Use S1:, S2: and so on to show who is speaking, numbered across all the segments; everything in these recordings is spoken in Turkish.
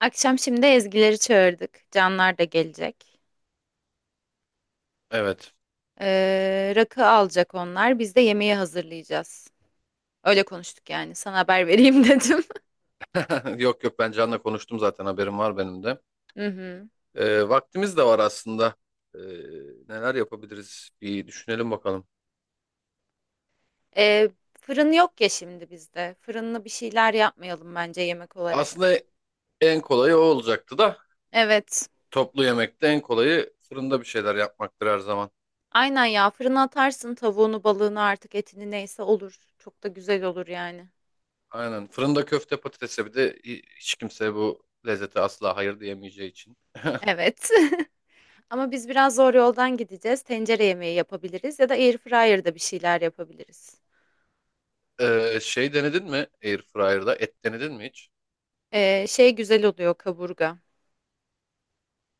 S1: Akşam şimdi Ezgileri çağırdık. Canlar da gelecek.
S2: Evet.
S1: Rakı alacak onlar. Biz de yemeği hazırlayacağız. Öyle konuştuk yani. Sana haber vereyim dedim.
S2: Yok, yok, ben Can'la konuştum zaten haberim var benim de.
S1: Hı hı.
S2: Vaktimiz de var aslında. Ee, Neler yapabiliriz bir düşünelim bakalım.
S1: Ee, Fırın yok ya şimdi bizde. Fırınlı bir şeyler yapmayalım bence yemek olarak.
S2: Aslında en kolayı o olacaktı da
S1: Evet.
S2: toplu yemekte en kolayı fırında bir şeyler yapmaktır her zaman.
S1: Aynen ya. Fırına atarsın tavuğunu, balığını artık etini neyse olur. Çok da güzel olur yani.
S2: Aynen, fırında köfte patatese bir de hiç kimse bu lezzete asla hayır diyemeyeceği için.
S1: Evet. Ama biz biraz zor yoldan gideceğiz. Tencere yemeği yapabiliriz ya da airfryer'da bir şeyler yapabiliriz.
S2: Şey, denedin mi Airfryer'da et denedin mi hiç?
S1: Şey güzel oluyor kaburga.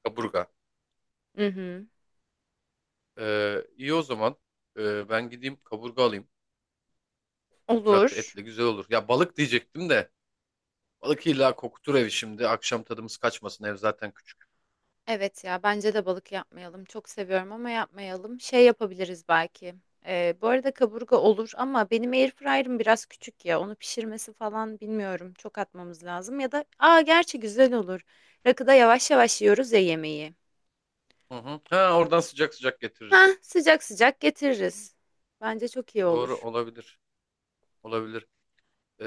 S2: Kaburga.
S1: Hı hı.
S2: İyi o zaman, ben gideyim kaburga alayım. Rakı
S1: Olur.
S2: etle güzel olur. Ya balık diyecektim de. Balık illa kokutur evi şimdi. Akşam tadımız kaçmasın. Ev zaten küçük.
S1: Evet ya bence de balık yapmayalım. Çok seviyorum ama yapmayalım. Şey yapabiliriz belki. Bu arada kaburga olur ama benim airfryer'ım biraz küçük ya. Onu pişirmesi falan bilmiyorum. Çok atmamız lazım. Ya da aa gerçi güzel olur. Rakıda yavaş yavaş yiyoruz ya yemeği.
S2: Hı hı. Ha, oradan sıcak sıcak
S1: Ha
S2: getiririz.
S1: sıcak sıcak getiririz. Bence çok iyi
S2: Doğru
S1: olur.
S2: olabilir. Olabilir.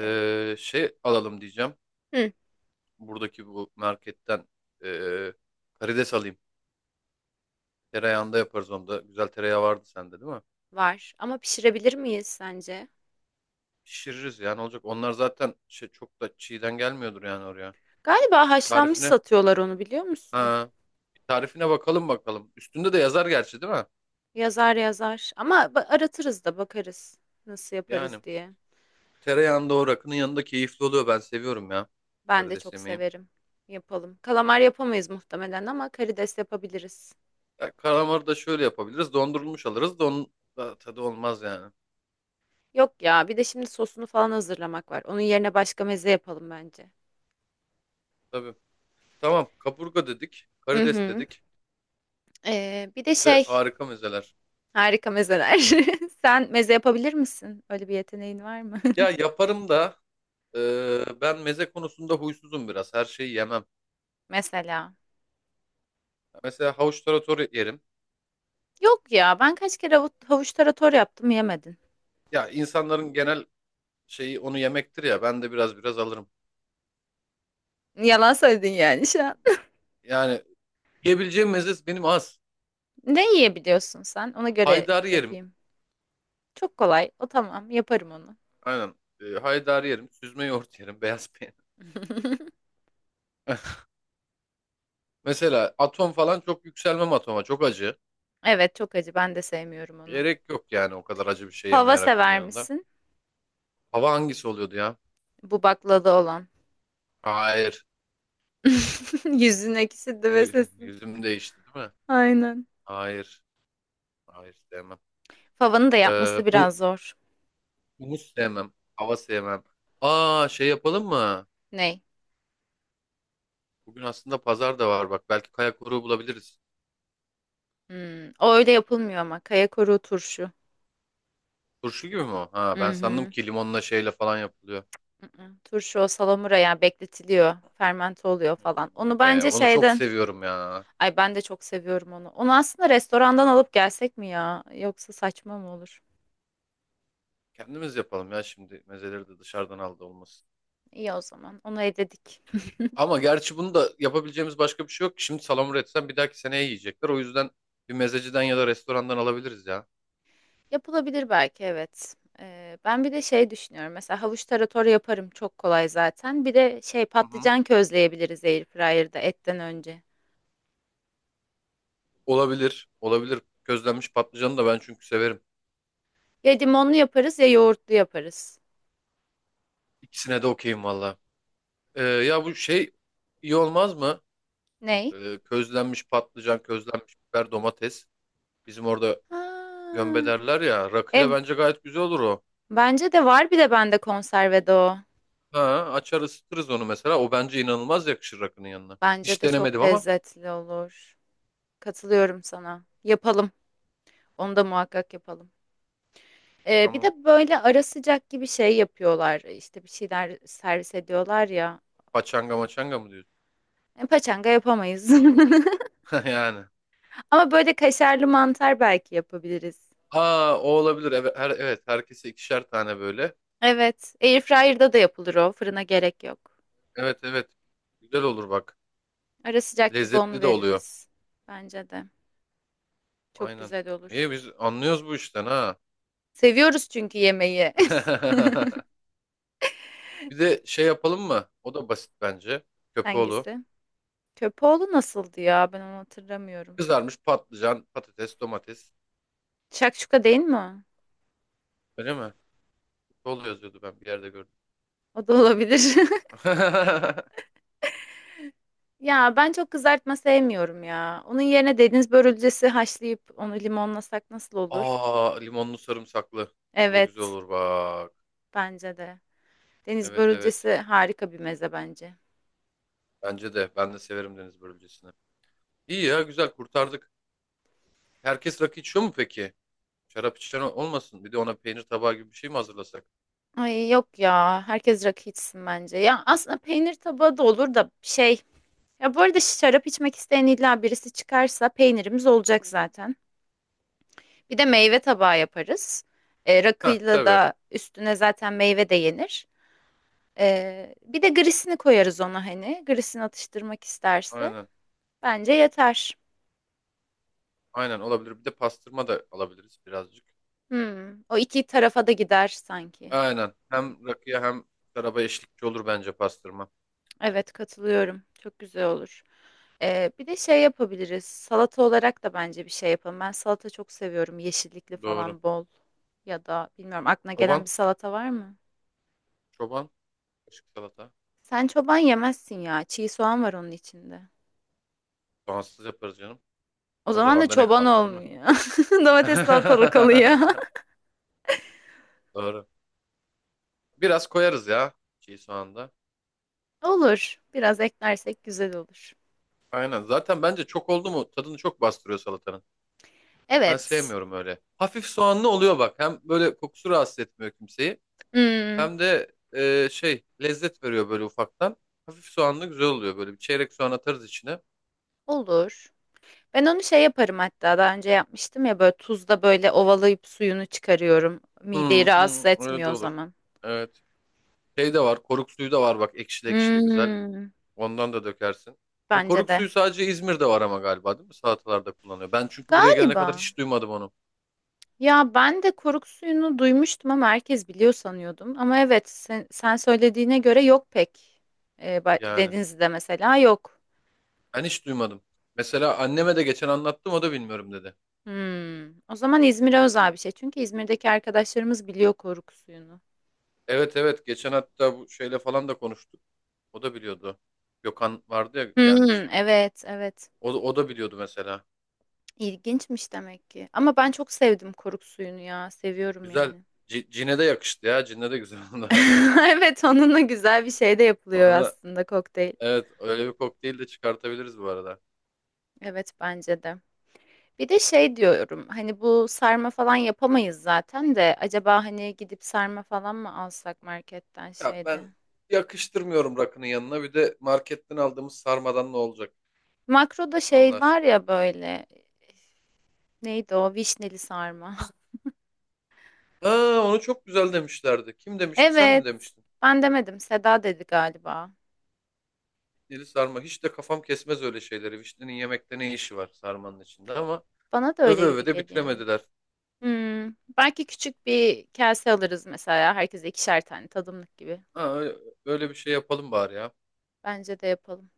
S1: Ee,
S2: Şey alalım diyeceğim.
S1: hı,
S2: Buradaki bu marketten ee, karides alayım. Tereyağında yaparız onu da. Güzel tereyağı vardı sende değil mi?
S1: var ama pişirebilir miyiz sence?
S2: Pişiririz yani, olacak. Onlar zaten şey, çok da çiğden gelmiyordur yani oraya.
S1: Galiba haşlanmış
S2: Tarifine,
S1: satıyorlar onu biliyor musun?
S2: ha, bir tarifine bakalım. Üstünde de yazar gerçi değil mi?
S1: Yazar yazar. Ama aratırız da bakarız nasıl
S2: Yani
S1: yaparız diye.
S2: tereyağında o rakının yanında keyifli oluyor. Ben seviyorum ya,
S1: Ben de
S2: karides
S1: çok
S2: yemeği.
S1: severim. Yapalım. Kalamar yapamayız muhtemelen ama karides yapabiliriz.
S2: Ya karamarı da şöyle yapabiliriz. Dondurulmuş alırız. Don da tadı olmaz yani.
S1: Yok ya, bir de şimdi sosunu falan hazırlamak var. Onun yerine başka meze yapalım bence.
S2: Tabii. Tamam. Kaburga dedik.
S1: Hı
S2: Karides
S1: hı.
S2: dedik.
S1: Bir de
S2: Bir de
S1: şey,
S2: harika mezeler.
S1: harika mezeler. Sen meze yapabilir misin? Öyle bir yeteneğin var mı?
S2: Ya yaparım da, ben meze konusunda huysuzum biraz. Her şeyi yemem.
S1: Mesela.
S2: Mesela havuç tarator yerim.
S1: Yok ya, ben kaç kere havuç tarator yaptım yemedin.
S2: Ya insanların genel şeyi onu yemektir ya. Ben de biraz alırım.
S1: Yalan söyledin yani şu an.
S2: Yani yiyebileceğim meze benim az.
S1: Ne yiyebiliyorsun sen? Ona göre
S2: Haydari yerim.
S1: yapayım. Çok kolay. O tamam. Yaparım onu.
S2: Aynen. E, haydari yerim. Süzme yoğurt yerim. Beyaz peynir. Mesela atom falan çok yükselmem atoma. Çok acı.
S1: Evet çok acı. Ben de sevmiyorum onu.
S2: Gerek yok yani o kadar acı bir şey yeme
S1: Fava
S2: yarakının
S1: sever
S2: yanında.
S1: misin?
S2: Hava hangisi oluyordu ya?
S1: Bu baklada olan.
S2: Hayır.
S1: Yüzün ekşidi ve sesin.
S2: Yüzüm değişti değil mi?
S1: Aynen.
S2: Hayır. Hayır, sevmem.
S1: Favanın da
S2: Ee,
S1: yapması
S2: hu-
S1: biraz zor.
S2: Humus sevmem. Hava sevmem. Aa, şey yapalım mı?
S1: Ney?
S2: Bugün aslında pazar da var bak. Belki kaya koruğu bulabiliriz.
S1: Hmm, o öyle yapılmıyor ama. Kaya koruğu turşu.
S2: Turşu gibi mi o? Ha, ben sandım
S1: Hı-hı.
S2: ki limonla şeyle falan yapılıyor.
S1: Turşu o salamura ya bekletiliyor. Fermente oluyor
S2: Hmm,
S1: falan.
S2: hadi
S1: Onu
S2: be.
S1: bence
S2: Onu çok
S1: şeyden.
S2: seviyorum ya.
S1: Ay ben de çok seviyorum onu. Onu aslında restorandan alıp gelsek mi ya? Yoksa saçma mı olur?
S2: Kendimiz yapalım ya şimdi. Mezeleri de dışarıdan aldı olmasın.
S1: İyi o zaman. Onu eledik.
S2: Ama gerçi bunu da yapabileceğimiz başka bir şey yok ki. Şimdi salamura etsem bir dahaki seneye yiyecekler. O yüzden bir mezeciden ya da restorandan alabiliriz ya.
S1: Yapılabilir belki evet. Ben bir de şey düşünüyorum. Mesela havuç tarator yaparım çok kolay zaten. Bir de şey
S2: Hı hı.
S1: patlıcan közleyebiliriz airfryer'da etten önce.
S2: Olabilir. Olabilir. Közlenmiş patlıcanı da ben çünkü severim.
S1: Ya limonlu yaparız ya yoğurtlu yaparız.
S2: İkisine de okeyim valla. Ya bu şey, iyi olmaz mı?
S1: Ney?
S2: Közlenmiş patlıcan, közlenmiş biber, domates. Bizim orada gömbe
S1: Ha,
S2: derler ya. Rakıyla
S1: e,
S2: bence gayet güzel olur o.
S1: bence de var bir de bende konservede o.
S2: Ha, açar ısıtırız onu mesela. O bence inanılmaz yakışır rakının yanına.
S1: Bence
S2: Hiç
S1: de çok
S2: denemedim ama.
S1: lezzetli olur. Katılıyorum sana. Yapalım. Onu da muhakkak yapalım. Bir
S2: Tamam.
S1: de böyle ara sıcak gibi şey yapıyorlar. İşte bir şeyler servis ediyorlar ya.
S2: Paçanga maçanga mı diyorsun?
S1: E, paçanga yapamayız.
S2: Yani.
S1: Ama böyle kaşarlı mantar belki yapabiliriz.
S2: Aa, o olabilir. Evet, her, evet, herkese ikişer tane böyle.
S1: Evet, airfryer'da da yapılır o. Fırına gerek yok.
S2: Evet, evet. Güzel olur bak.
S1: Ara sıcak gibi onu
S2: Lezzetli de oluyor.
S1: veririz. Bence de. Çok
S2: Aynen.
S1: güzel olur.
S2: İyi, biz anlıyoruz bu işten ha.
S1: Seviyoruz çünkü yemeği.
S2: Bir de şey yapalım mı? O da basit bence. Köpoğlu.
S1: Hangisi? Köpoğlu nasıldı ya? Ben onu hatırlamıyorum.
S2: Kızarmış patlıcan, patates, domates.
S1: Şakşuka değil mi?
S2: Öyle mi? Köpoğlu yazıyordu, ben bir yerde gördüm.
S1: O? O da olabilir. Ya ben çok kızartma sevmiyorum ya. Onun yerine deniz börülcesi haşlayıp onu limonlasak nasıl olur?
S2: Aa, limonlu sarımsaklı. O da güzel
S1: Evet,
S2: olur bak.
S1: bence de. Deniz
S2: Evet, evet.
S1: börülcesi harika bir meze bence.
S2: Bence de. Ben de severim deniz börülcesini. İyi ya, güzel kurtardık. Herkes rakı içiyor mu peki? Şarap içen olmasın. Bir de ona peynir tabağı gibi bir şey mi hazırlasak?
S1: Ay yok ya. Herkes rakı içsin bence. Ya aslında peynir tabağı da olur da şey. Ya bu arada şarap içmek isteyen illa birisi çıkarsa peynirimiz olacak zaten. Bir de meyve tabağı yaparız. E,
S2: Heh,
S1: rakıyla
S2: tabii.
S1: da üstüne zaten meyve de yenir. E, bir de grisini koyarız ona hani. Grisini atıştırmak isterse.
S2: Aynen.
S1: Bence yeter.
S2: Aynen, olabilir. Bir de pastırma da alabiliriz birazcık.
S1: Hmm, o iki tarafa da gider sanki.
S2: Aynen. Hem rakıya hem şaraba eşlikçi olur bence pastırma.
S1: Evet katılıyorum. Çok güzel olur. Bir de şey yapabiliriz. Salata olarak da bence bir şey yapalım. Ben salata çok seviyorum. Yeşillikli
S2: Doğru.
S1: falan bol. Ya da bilmiyorum aklına gelen bir
S2: Çoban.
S1: salata var mı?
S2: Çoban. Kaşık salata.
S1: Sen çoban yemezsin ya. Çiğ soğan var onun içinde.
S2: Soğansız yaparız canım.
S1: O
S2: O
S1: zaman da
S2: zaman da ne
S1: çoban
S2: kaldı değil mi?
S1: olmuyor. Domates salatalık oluyor.
S2: Doğru. Biraz koyarız ya çiğ soğanda.
S1: Olur. Biraz eklersek güzel olur.
S2: Aynen. Zaten bence çok oldu mu tadını çok bastırıyor salatanın. Ben
S1: Evet.
S2: sevmiyorum öyle. Hafif soğanlı oluyor bak. Hem böyle kokusu rahatsız etmiyor kimseyi.
S1: Hmm,
S2: Hem de şey, lezzet veriyor böyle ufaktan. Hafif soğanlı güzel oluyor böyle. Bir çeyrek soğan atarız içine.
S1: olur. Ben onu şey yaparım hatta daha önce yapmıştım ya böyle tuzla böyle ovalayıp suyunu çıkarıyorum. Mideyi
S2: Hı
S1: rahatsız
S2: hı, öyle
S1: etmiyor
S2: de
S1: o
S2: olur.
S1: zaman.
S2: Evet. Şey de var. Koruk suyu da var bak, ekşili ekşili güzel.
S1: Hmm,
S2: Ondan da dökersin. O
S1: bence
S2: koruk
S1: de.
S2: suyu sadece İzmir'de var ama galiba değil mi? Salatalarda kullanıyor. Ben çünkü buraya gelene kadar
S1: Galiba.
S2: hiç duymadım onu.
S1: Ya ben de koruk suyunu duymuştum ama herkes biliyor sanıyordum. Ama evet sen söylediğine göre yok pek.
S2: Yani
S1: Denizli'de mesela yok.
S2: ben hiç duymadım. Mesela anneme de geçen anlattım, o da bilmiyorum dedi.
S1: Hmm, o zaman İzmir'e özel bir şey. Çünkü İzmir'deki arkadaşlarımız biliyor koruk suyunu.
S2: Evet, evet, geçen hatta bu şeyle falan da konuştuk. O da biliyordu. Gökhan vardı ya,
S1: Hmm,
S2: gelmişti.
S1: evet evet.
S2: O, o da biliyordu mesela.
S1: İlginçmiş demek ki. Ama ben çok sevdim koruk suyunu ya. Seviyorum
S2: Güzel.
S1: yani.
S2: Cine de yakıştı ya. Cine de güzel oldu.
S1: Evet onunla güzel bir şey de yapılıyor
S2: Onu,
S1: aslında kokteyl.
S2: evet, öyle bir kokteyl de çıkartabiliriz bu arada.
S1: Evet bence de. Bir de şey diyorum hani bu sarma falan yapamayız zaten de acaba hani gidip sarma falan mı alsak marketten
S2: Ya
S1: şeyde.
S2: ben yakıştırmıyorum rakının yanına. Bir de marketten aldığımız sarmadan ne olacak?
S1: Makroda
S2: Allah
S1: şey var
S2: aşkına.
S1: ya böyle neydi o vişneli sarma.
S2: Aa, onu çok güzel demişlerdi. Kim demişti? Sen mi
S1: Evet
S2: demiştin?
S1: ben demedim Seda dedi galiba.
S2: Dili sarma. Hiç de kafam kesmez öyle şeyleri. Vişnenin yemekte ne işi var sarmanın içinde ama
S1: Bana da
S2: öve
S1: öyle
S2: öve
S1: gibi
S2: de
S1: geliyor.
S2: bitiremediler.
S1: Hmm, belki küçük bir kase alırız mesela. Herkese ikişer tane tadımlık gibi.
S2: Ha, öyle, öyle bir şey yapalım bari ya.
S1: Bence de yapalım.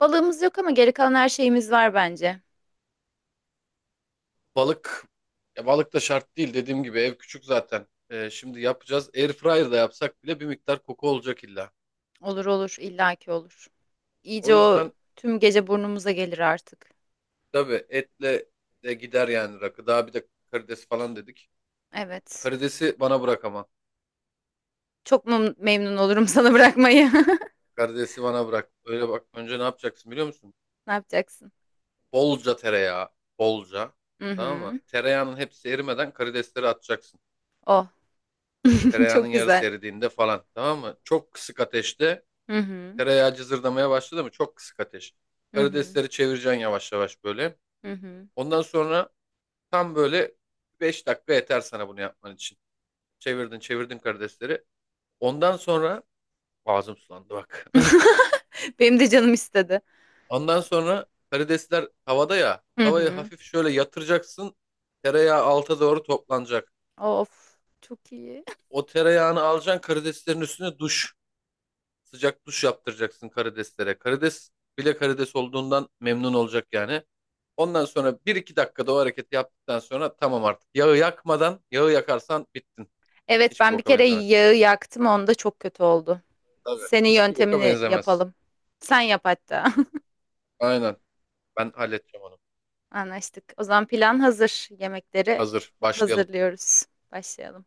S1: Balığımız yok ama geri kalan her şeyimiz var bence.
S2: Balık, ya balık da şart değil, dediğim gibi ev küçük zaten. Şimdi yapacağız. Airfryer'da yapsak bile bir miktar koku olacak illa.
S1: Olur olur illaki olur.
S2: O
S1: İyice o
S2: yüzden,
S1: tüm gece burnumuza gelir artık.
S2: tabii, etle de gider yani rakı. Daha bir de karides falan dedik.
S1: Evet.
S2: Karidesi bana bırak ama.
S1: Çok memnun olurum sana bırakmayı.
S2: Karidesi bana bırak. Öyle bak, önce ne yapacaksın biliyor musun?
S1: Ne yapacaksın?
S2: Bolca tereyağı. Bolca.
S1: Hı
S2: Tamam mı?
S1: hı.
S2: Tereyağının hepsi erimeden karidesleri atacaksın.
S1: Oh.
S2: Tereyağının
S1: Çok
S2: yarısı
S1: güzel.
S2: eridiğinde falan. Tamam mı? Çok kısık ateşte.
S1: Hı hı.
S2: Tereyağı cızırdamaya başladı mı? Çok kısık ateş.
S1: Hı hı.
S2: Karidesleri çevireceksin yavaş yavaş böyle.
S1: Hı hı.
S2: Ondan sonra tam böyle 5 dakika yeter sana bunu yapman için. Çevirdin çevirdin karidesleri. Ondan sonra, ağzım sulandı bak.
S1: Benim de canım istedi.
S2: Ondan sonra karidesler havada ya.
S1: Hı
S2: Tavayı
S1: hı.
S2: hafif şöyle yatıracaksın. Tereyağı alta doğru toplanacak.
S1: Of. Çok iyi.
S2: O tereyağını alacaksın karideslerin üstüne, duş. Sıcak duş yaptıracaksın karideslere. Karides bile karides olduğundan memnun olacak yani. Ondan sonra 1-2 dakikada o hareketi yaptıktan sonra tamam artık. Yağı yakmadan, yağı yakarsan bittin.
S1: Evet
S2: Hiçbir
S1: ben bir
S2: boka
S1: kere
S2: benzemez.
S1: yağı yaktım onda çok kötü oldu.
S2: Tabii.
S1: Senin
S2: Hiçbir boka
S1: yöntemini
S2: benzemez.
S1: yapalım. Sen yap hatta.
S2: Aynen. Ben halledeceğim onu.
S1: Anlaştık. O zaman plan hazır. Yemekleri
S2: Hazır. Başlayalım.
S1: hazırlıyoruz. Başlayalım.